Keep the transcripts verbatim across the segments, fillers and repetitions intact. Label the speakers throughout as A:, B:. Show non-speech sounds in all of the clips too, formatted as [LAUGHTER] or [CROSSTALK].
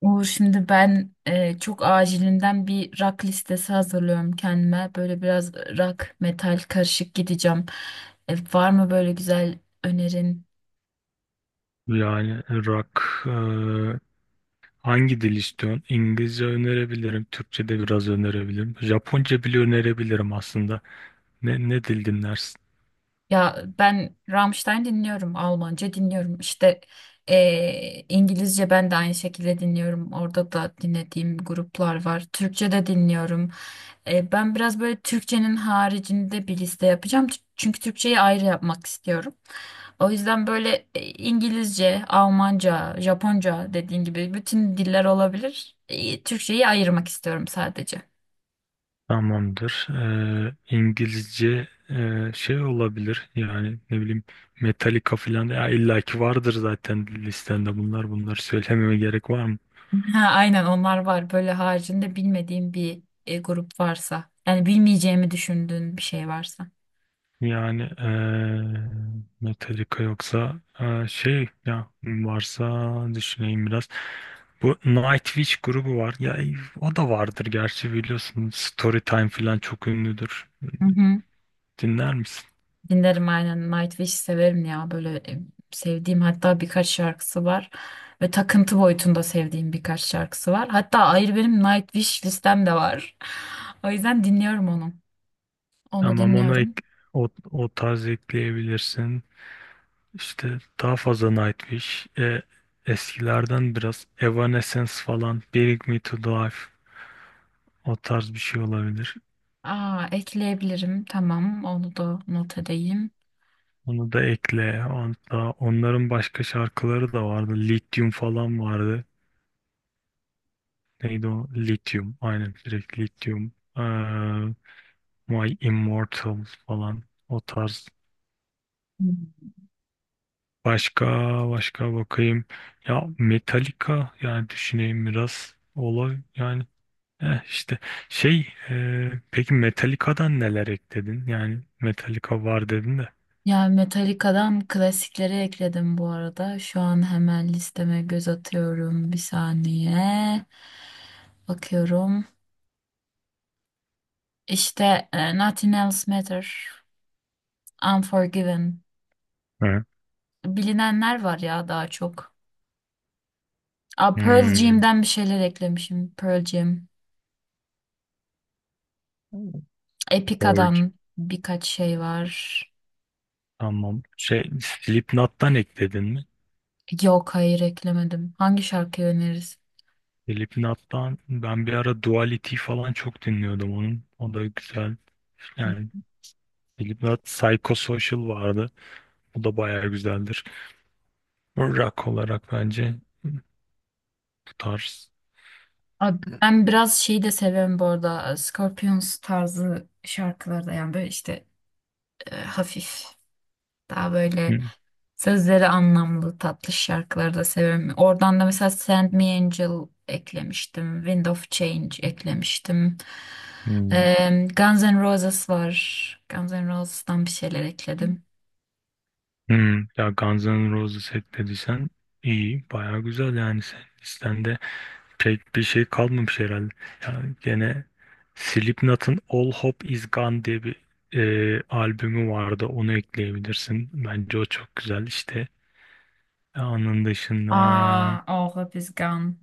A: Uğur, şimdi ben e, çok acilinden bir rock listesi hazırlıyorum kendime. Böyle biraz rock, metal karışık gideceğim. E, var mı böyle güzel önerin?
B: Yani rock e, hangi dil istiyorsun? İngilizce önerebilirim, Türkçe de biraz önerebilirim. Japonca bile önerebilirim aslında. Ne, ne dil dinlersin?
A: Ya ben Rammstein dinliyorum, Almanca dinliyorum. İşte eee, İngilizce ben de aynı şekilde dinliyorum. Orada da dinlediğim gruplar var. Türkçe de dinliyorum. Eee, ben biraz böyle Türkçenin haricinde bir liste yapacağım. Tü- Çünkü Türkçeyi ayrı yapmak istiyorum. O yüzden böyle e, İngilizce, Almanca, Japonca dediğin gibi bütün diller olabilir. E, Türkçeyi ayırmak istiyorum sadece.
B: Tamamdır. E, İngilizce e, şey olabilir yani ne bileyim Metallica falan ya illaki vardır zaten listende bunlar. Bunları söylememe gerek var mı?
A: Ha, aynen onlar var. Böyle haricinde bilmediğim bir e, grup varsa. Yani bilmeyeceğimi düşündüğün bir şey varsa.
B: Yani eee Metallica yoksa eee, şey ya varsa düşüneyim biraz. Bu Nightwish grubu var. Ya e, o da vardır gerçi biliyorsun. Storytime falan çok ünlüdür.
A: Hı hı.
B: Dinler misin?
A: Dinlerim aynen. Nightwish severim ya. Böyle e, sevdiğim hatta birkaç şarkısı var. Ve takıntı boyutunda sevdiğim birkaç şarkısı var. Hatta ayrı benim Nightwish listem de var. [LAUGHS] O yüzden dinliyorum onu. Onu
B: Tamam onu ek,
A: dinliyorum.
B: o, o tarz ekleyebilirsin. İşte daha fazla Nightwish. E, eskilerden biraz Evanescence falan. Bring Me To Life. O tarz bir şey olabilir.
A: Aa, ekleyebilirim. Tamam. Onu da not edeyim.
B: Onu da ekle. Hatta onların başka şarkıları da vardı. Lithium falan vardı. Neydi o? Lithium. Aynen direkt Lithium. Ee, My Immortal falan. O tarz. Başka başka bakayım. Ya Metallica yani düşüneyim biraz. Olay yani. Eh işte şey e, peki Metallica'dan neler ekledin? Yani Metallica var dedin de.
A: Ya Metallica'dan klasikleri ekledim bu arada. Şu an hemen listeme göz atıyorum. Bir saniye. Bakıyorum. İşte e, Nothing Else Matter, Unforgiven.
B: Hı.
A: Bilinenler var ya daha çok. Aa, Pearl
B: Hmm.
A: Jam'den bir şeyler eklemişim. Pearl Jam.
B: Purge.
A: Epica'dan birkaç şey var.
B: Tamam. Şey Slipknot'tan ekledin mi?
A: Yok, hayır, eklemedim. Hangi şarkıyı öneririz?
B: Slipknot'tan ben bir ara Duality falan çok dinliyordum onun. O da güzel. Yani Slipknot Psychosocial vardı. O da bayağı güzeldir. Rock olarak bence bu tarz.
A: Abi ben biraz şeyi de seviyorum bu arada. Scorpions tarzı şarkıları da, yani böyle işte e, hafif. Daha böyle
B: Hı,
A: sözleri anlamlı, tatlı şarkıları da severim. Oradan da mesela Send Me Angel eklemiştim. Wind of Change eklemiştim.
B: hı,
A: E, Guns N' Roses var. Guns N' Roses'tan bir şeyler ekledim.
B: hı. Ya Guns N' Roses hep dediysen iyi. Bayağı güzel yani sen listende pek bir şey kalmamış herhalde. Ya gene Slipknot'ın All Hope Is Gone diye bir e, albümü vardı. Onu ekleyebilirsin. Bence o çok güzel. İşte onun dışında
A: Aa, oh, Hope is Gone.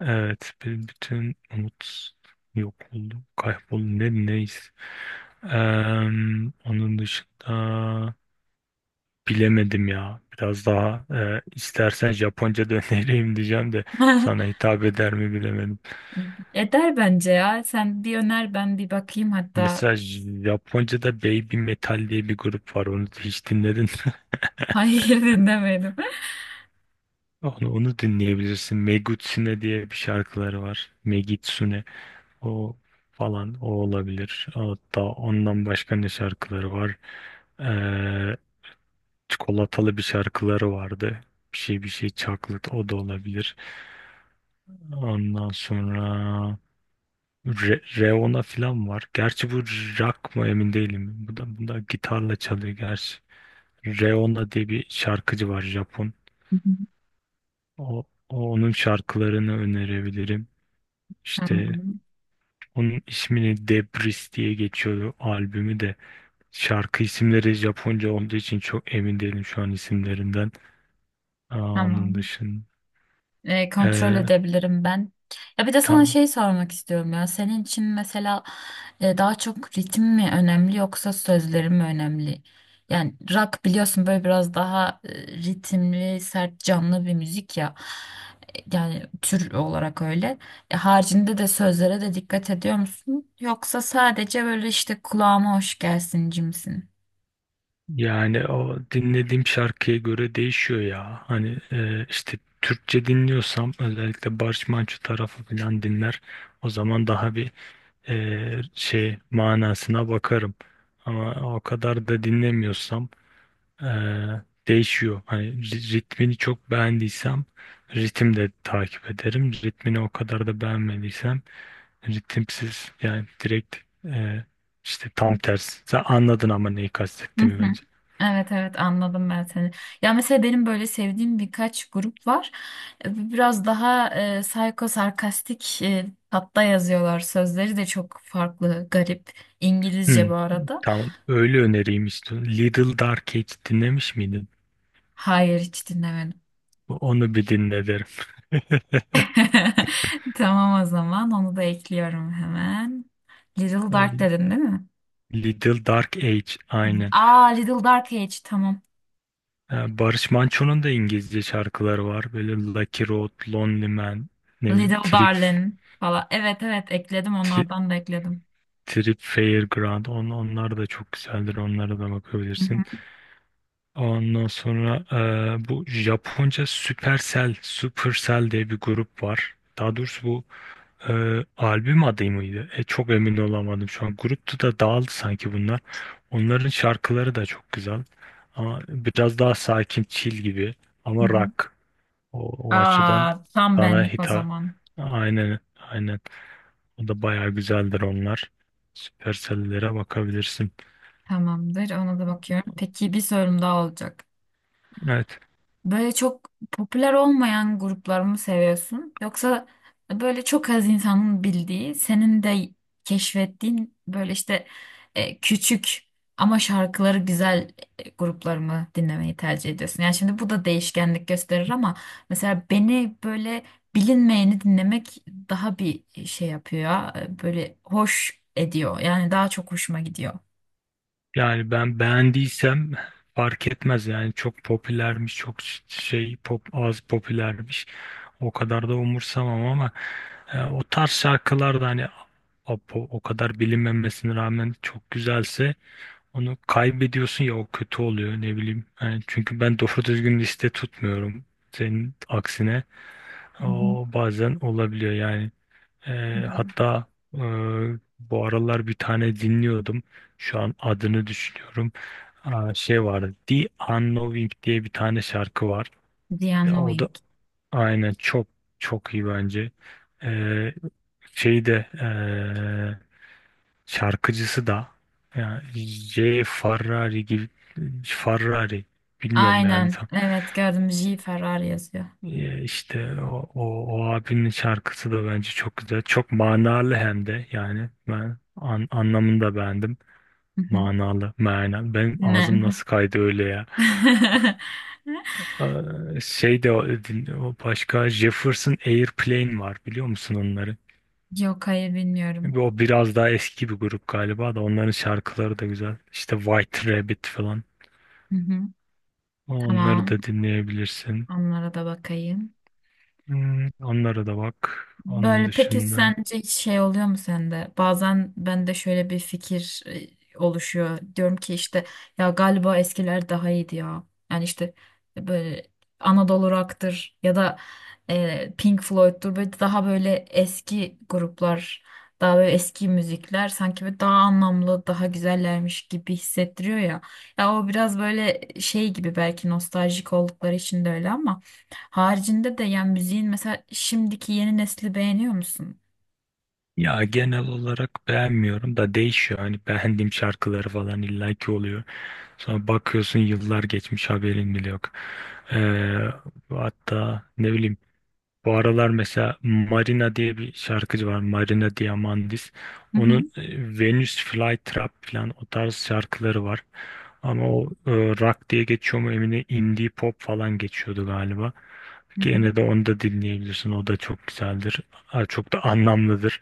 B: evet b- bütün umut yok oldu, kayboldu ne neyiz. Onun dışında bilemedim ya. Biraz daha e, istersen Japonca [LAUGHS] da önereyim diyeceğim de sana
A: [LAUGHS]
B: hitap eder mi bilemedim.
A: Eder bence ya. Sen bir öner, ben bir bakayım hatta. [LAUGHS]
B: Mesela Japonca'da Baby Metal diye bir grup var. Onu hiç dinledin mi?
A: Hayır, dinlemedim.
B: [LAUGHS] Onu, onu dinleyebilirsin. Megutsune diye bir şarkıları var. Megitsune. O falan o olabilir. Hatta ondan başka ne şarkıları var? Ee, Çikolatalı bir şarkıları vardı. Bir şey bir şey çaklıt o da olabilir. Ondan sonra Re Reona falan var. Gerçi bu rock mı emin değilim. Bu da, bu da gitarla çalıyor gerçi. Reona diye bir şarkıcı var Japon.
A: [LAUGHS]
B: O, o- onun şarkılarını önerebilirim. İşte
A: Tamam.
B: onun ismini Debris diye geçiyordu albümü de. Şarkı isimleri Japonca olduğu için çok emin değilim şu an isimlerinden. Aa, onun
A: Tamam,
B: dışında
A: e, kontrol
B: Ee,
A: edebilirim ben. Ya bir de sana
B: tam
A: şey sormak istiyorum ya. Senin için mesela e, daha çok ritim mi önemli, yoksa sözlerim mi önemli? Yani rock biliyorsun, böyle biraz daha e, ritimli, sert, canlı bir müzik ya. E, Yani tür olarak öyle. E, haricinde de sözlere de dikkat ediyor musun? Yoksa sadece böyle işte kulağıma hoş gelsin cimsin.
B: yani o dinlediğim şarkıya göre değişiyor ya. Hani e, işte Türkçe dinliyorsam özellikle Barış Manço tarafı falan dinler. O zaman daha bir e, şey manasına bakarım. Ama o kadar da dinlemiyorsam Eee, değişiyor. Hani ri- ritmini çok beğendiysem ritim de takip ederim. Ritmini o kadar da beğenmediysem ritimsiz yani direkt eee, işte tam tersi. Sen anladın ama neyi kastettiğimi
A: [LAUGHS]
B: bence.
A: Evet, evet, anladım ben seni. Ya mesela benim böyle sevdiğim birkaç grup var. E, Biraz daha e, psycho sarkastik e, hatta yazıyorlar. Sözleri de çok farklı, garip. İngilizce
B: Hmm,
A: bu arada.
B: tamam öyle önereyim işte. Little Dark Age dinlemiş miydin?
A: Hayır, hiç dinlemedim.
B: Onu bir dinle derim.
A: [LAUGHS] Tamam, o zaman onu da ekliyorum hemen. Little Dark
B: [LAUGHS]
A: dedin değil mi?
B: Little Dark Age aynen.
A: Aa, Little Dark Age, tamam.
B: Yani Barış Manço'nun da İngilizce şarkıları var. Böyle Lucky Road, Lonely Man, ne bileyim,
A: Little
B: Trip,
A: Darling falan. Evet, evet, ekledim,
B: Tri-
A: onlardan da ekledim.
B: Trip Fairground. On, onlar da çok güzeldir. Onlara da
A: Hı
B: bakabilirsin.
A: hı.
B: Ondan sonra eee, bu Japonca Supercell, Supercell diye bir grup var. Daha doğrusu bu eee, albüm adı mıydı? E, çok emin olamadım şu an. Gruptu da dağıldı sanki bunlar. Onların şarkıları da çok güzel. Ama biraz daha sakin, chill gibi.
A: Hı
B: Ama
A: hı.
B: rock. O, o açıdan
A: Aa, tam
B: sana
A: benlik o
B: hitap
A: zaman.
B: aynen aynen o da bayağı güzeldir onlar. Süpersellere bakabilirsin.
A: Tamamdır. Ona da bakıyorum. Peki, bir sorum daha olacak.
B: Evet.
A: Böyle çok popüler olmayan grupları mı seviyorsun? Yoksa böyle çok az insanın bildiği, senin de keşfettiğin böyle işte e, küçük ama şarkıları güzel e, grupları mı dinlemeyi tercih ediyorsun? Yani şimdi bu da değişkenlik gösterir ama mesela beni böyle bilinmeyeni dinlemek daha bir şey yapıyor ya, e, böyle hoş ediyor. Yani daha çok hoşuma gidiyor.
B: Yani ben beğendiysem fark etmez yani çok popülermiş çok şey pop az popülermiş o kadar da umursamam ama e, o tarz şarkılar da hani o, o kadar bilinmemesine rağmen çok güzelse onu kaybediyorsun ya o kötü oluyor ne bileyim. Yani çünkü ben doğru düzgün liste tutmuyorum senin aksine.
A: Hı
B: O bazen olabiliyor yani. Eee,
A: hı.
B: hatta eee, bu aralar bir tane dinliyordum. Şu an adını düşünüyorum. Aa, şey vardı. The Unknowing diye bir tane şarkı var. De-
A: Diane
B: O
A: Wing.
B: da aynen çok çok iyi bence. Eee Şey de eee, şarkıcısı da yani J. Ferrari gibi Ferrari bilmiyorum yani
A: Aynen.
B: tam.
A: Evet, gördüm. J. Ferrari yazıyor.
B: Ya işte o, o, o abinin şarkısı da bence çok güzel. Çok manalı hem de yani ben an- anlamını da beğendim.
A: Hı hı.
B: Manalı, manalı. Benim
A: Mem.
B: ağzım nasıl kaydı öyle ya.
A: [LAUGHS]
B: Ee, şey de o, din- o başka Jefferson Airplane var biliyor musun onları?
A: Yok, hayır, bilmiyorum.
B: O biraz daha eski bir grup galiba da onların şarkıları da güzel. İşte White Rabbit falan.
A: Hı hı.
B: Onları
A: Tamam.
B: da dinleyebilirsin.
A: Onlara da bakayım.
B: Hmm, onlara da bak. Onun
A: Böyle peki
B: dışında.
A: sence hiç şey oluyor mu sende? Bazen bende şöyle bir fikir e, oluşuyor. Diyorum ki işte ya galiba eskiler daha iyiydi ya. Yani işte e, böyle Anadolu Rock'tır ya da e, Pink Floyd'tur. Böyle daha böyle eski gruplar, daha böyle eski müzikler sanki böyle daha anlamlı, daha güzellermiş gibi hissettiriyor ya. Ya o biraz böyle şey gibi, belki nostaljik oldukları için de öyle ama. Haricinde de yani müziğin mesela şimdiki yeni nesli beğeniyor musun?
B: Ya genel olarak beğenmiyorum da değişiyor. Hani beğendiğim şarkıları falan illaki oluyor. Sonra bakıyorsun yıllar geçmiş haberin bile yok. Ee, Hatta ne bileyim bu aralar mesela Marina diye bir şarkıcı var. Marina Diamandis.
A: Hı hı.
B: Onun e, Venus Flytrap falan o tarz şarkıları var. Ama o e, rock diye geçiyor mu emin değilim. Indie pop falan geçiyordu galiba.
A: Hı hı.
B: Gene de onu da dinleyebilirsin. O da çok güzeldir. Ha, çok da anlamlıdır.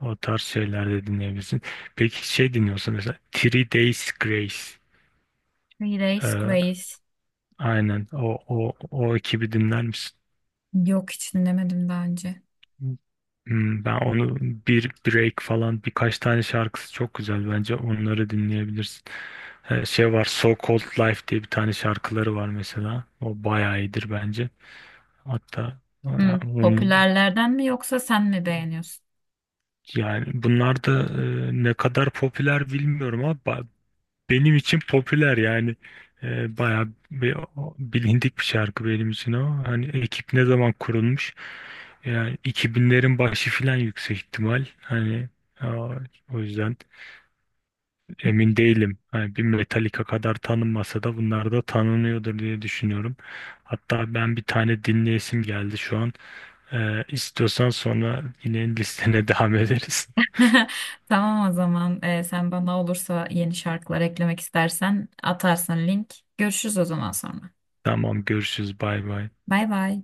B: O tarz şeyler de dinleyebilirsin. Peki şey dinliyorsun mesela Three Days Grace.
A: Three Days
B: Ee,
A: Grace.
B: aynen o, o, o ekibi dinler misin?
A: Yok, hiç dinlemedim daha önce.
B: Hmm, ben onu bir break falan birkaç tane şarkısı çok güzel. Bence onları dinleyebilirsin. Ee, şey var So Called Life diye bir tane şarkıları var mesela. O bayağı iyidir bence. Hatta e,
A: Hı,
B: onun
A: popülerlerden mi yoksa sen mi beğeniyorsun?
B: yani bunlar da e, ne kadar popüler bilmiyorum ama ba- benim için popüler yani e, bayağı bir, bilindik bir şarkı benim için o. Hani ekip ne zaman kurulmuş? Yani iki binlerin başı filan yüksek ihtimal. Hani a- o yüzden emin değilim. Hani bir Metallica kadar tanınmasa da bunlar da tanınıyordur diye düşünüyorum. Hatta ben bir tane dinleyesim geldi şu an. E, istiyorsan sonra yine listene [LAUGHS] devam ederiz.
A: [LAUGHS] Tamam, o zaman Ee, sen bana olursa yeni şarkılar eklemek istersen atarsın link. Görüşürüz o zaman sonra.
B: Tamam görüşürüz bay bay.
A: Bay bay.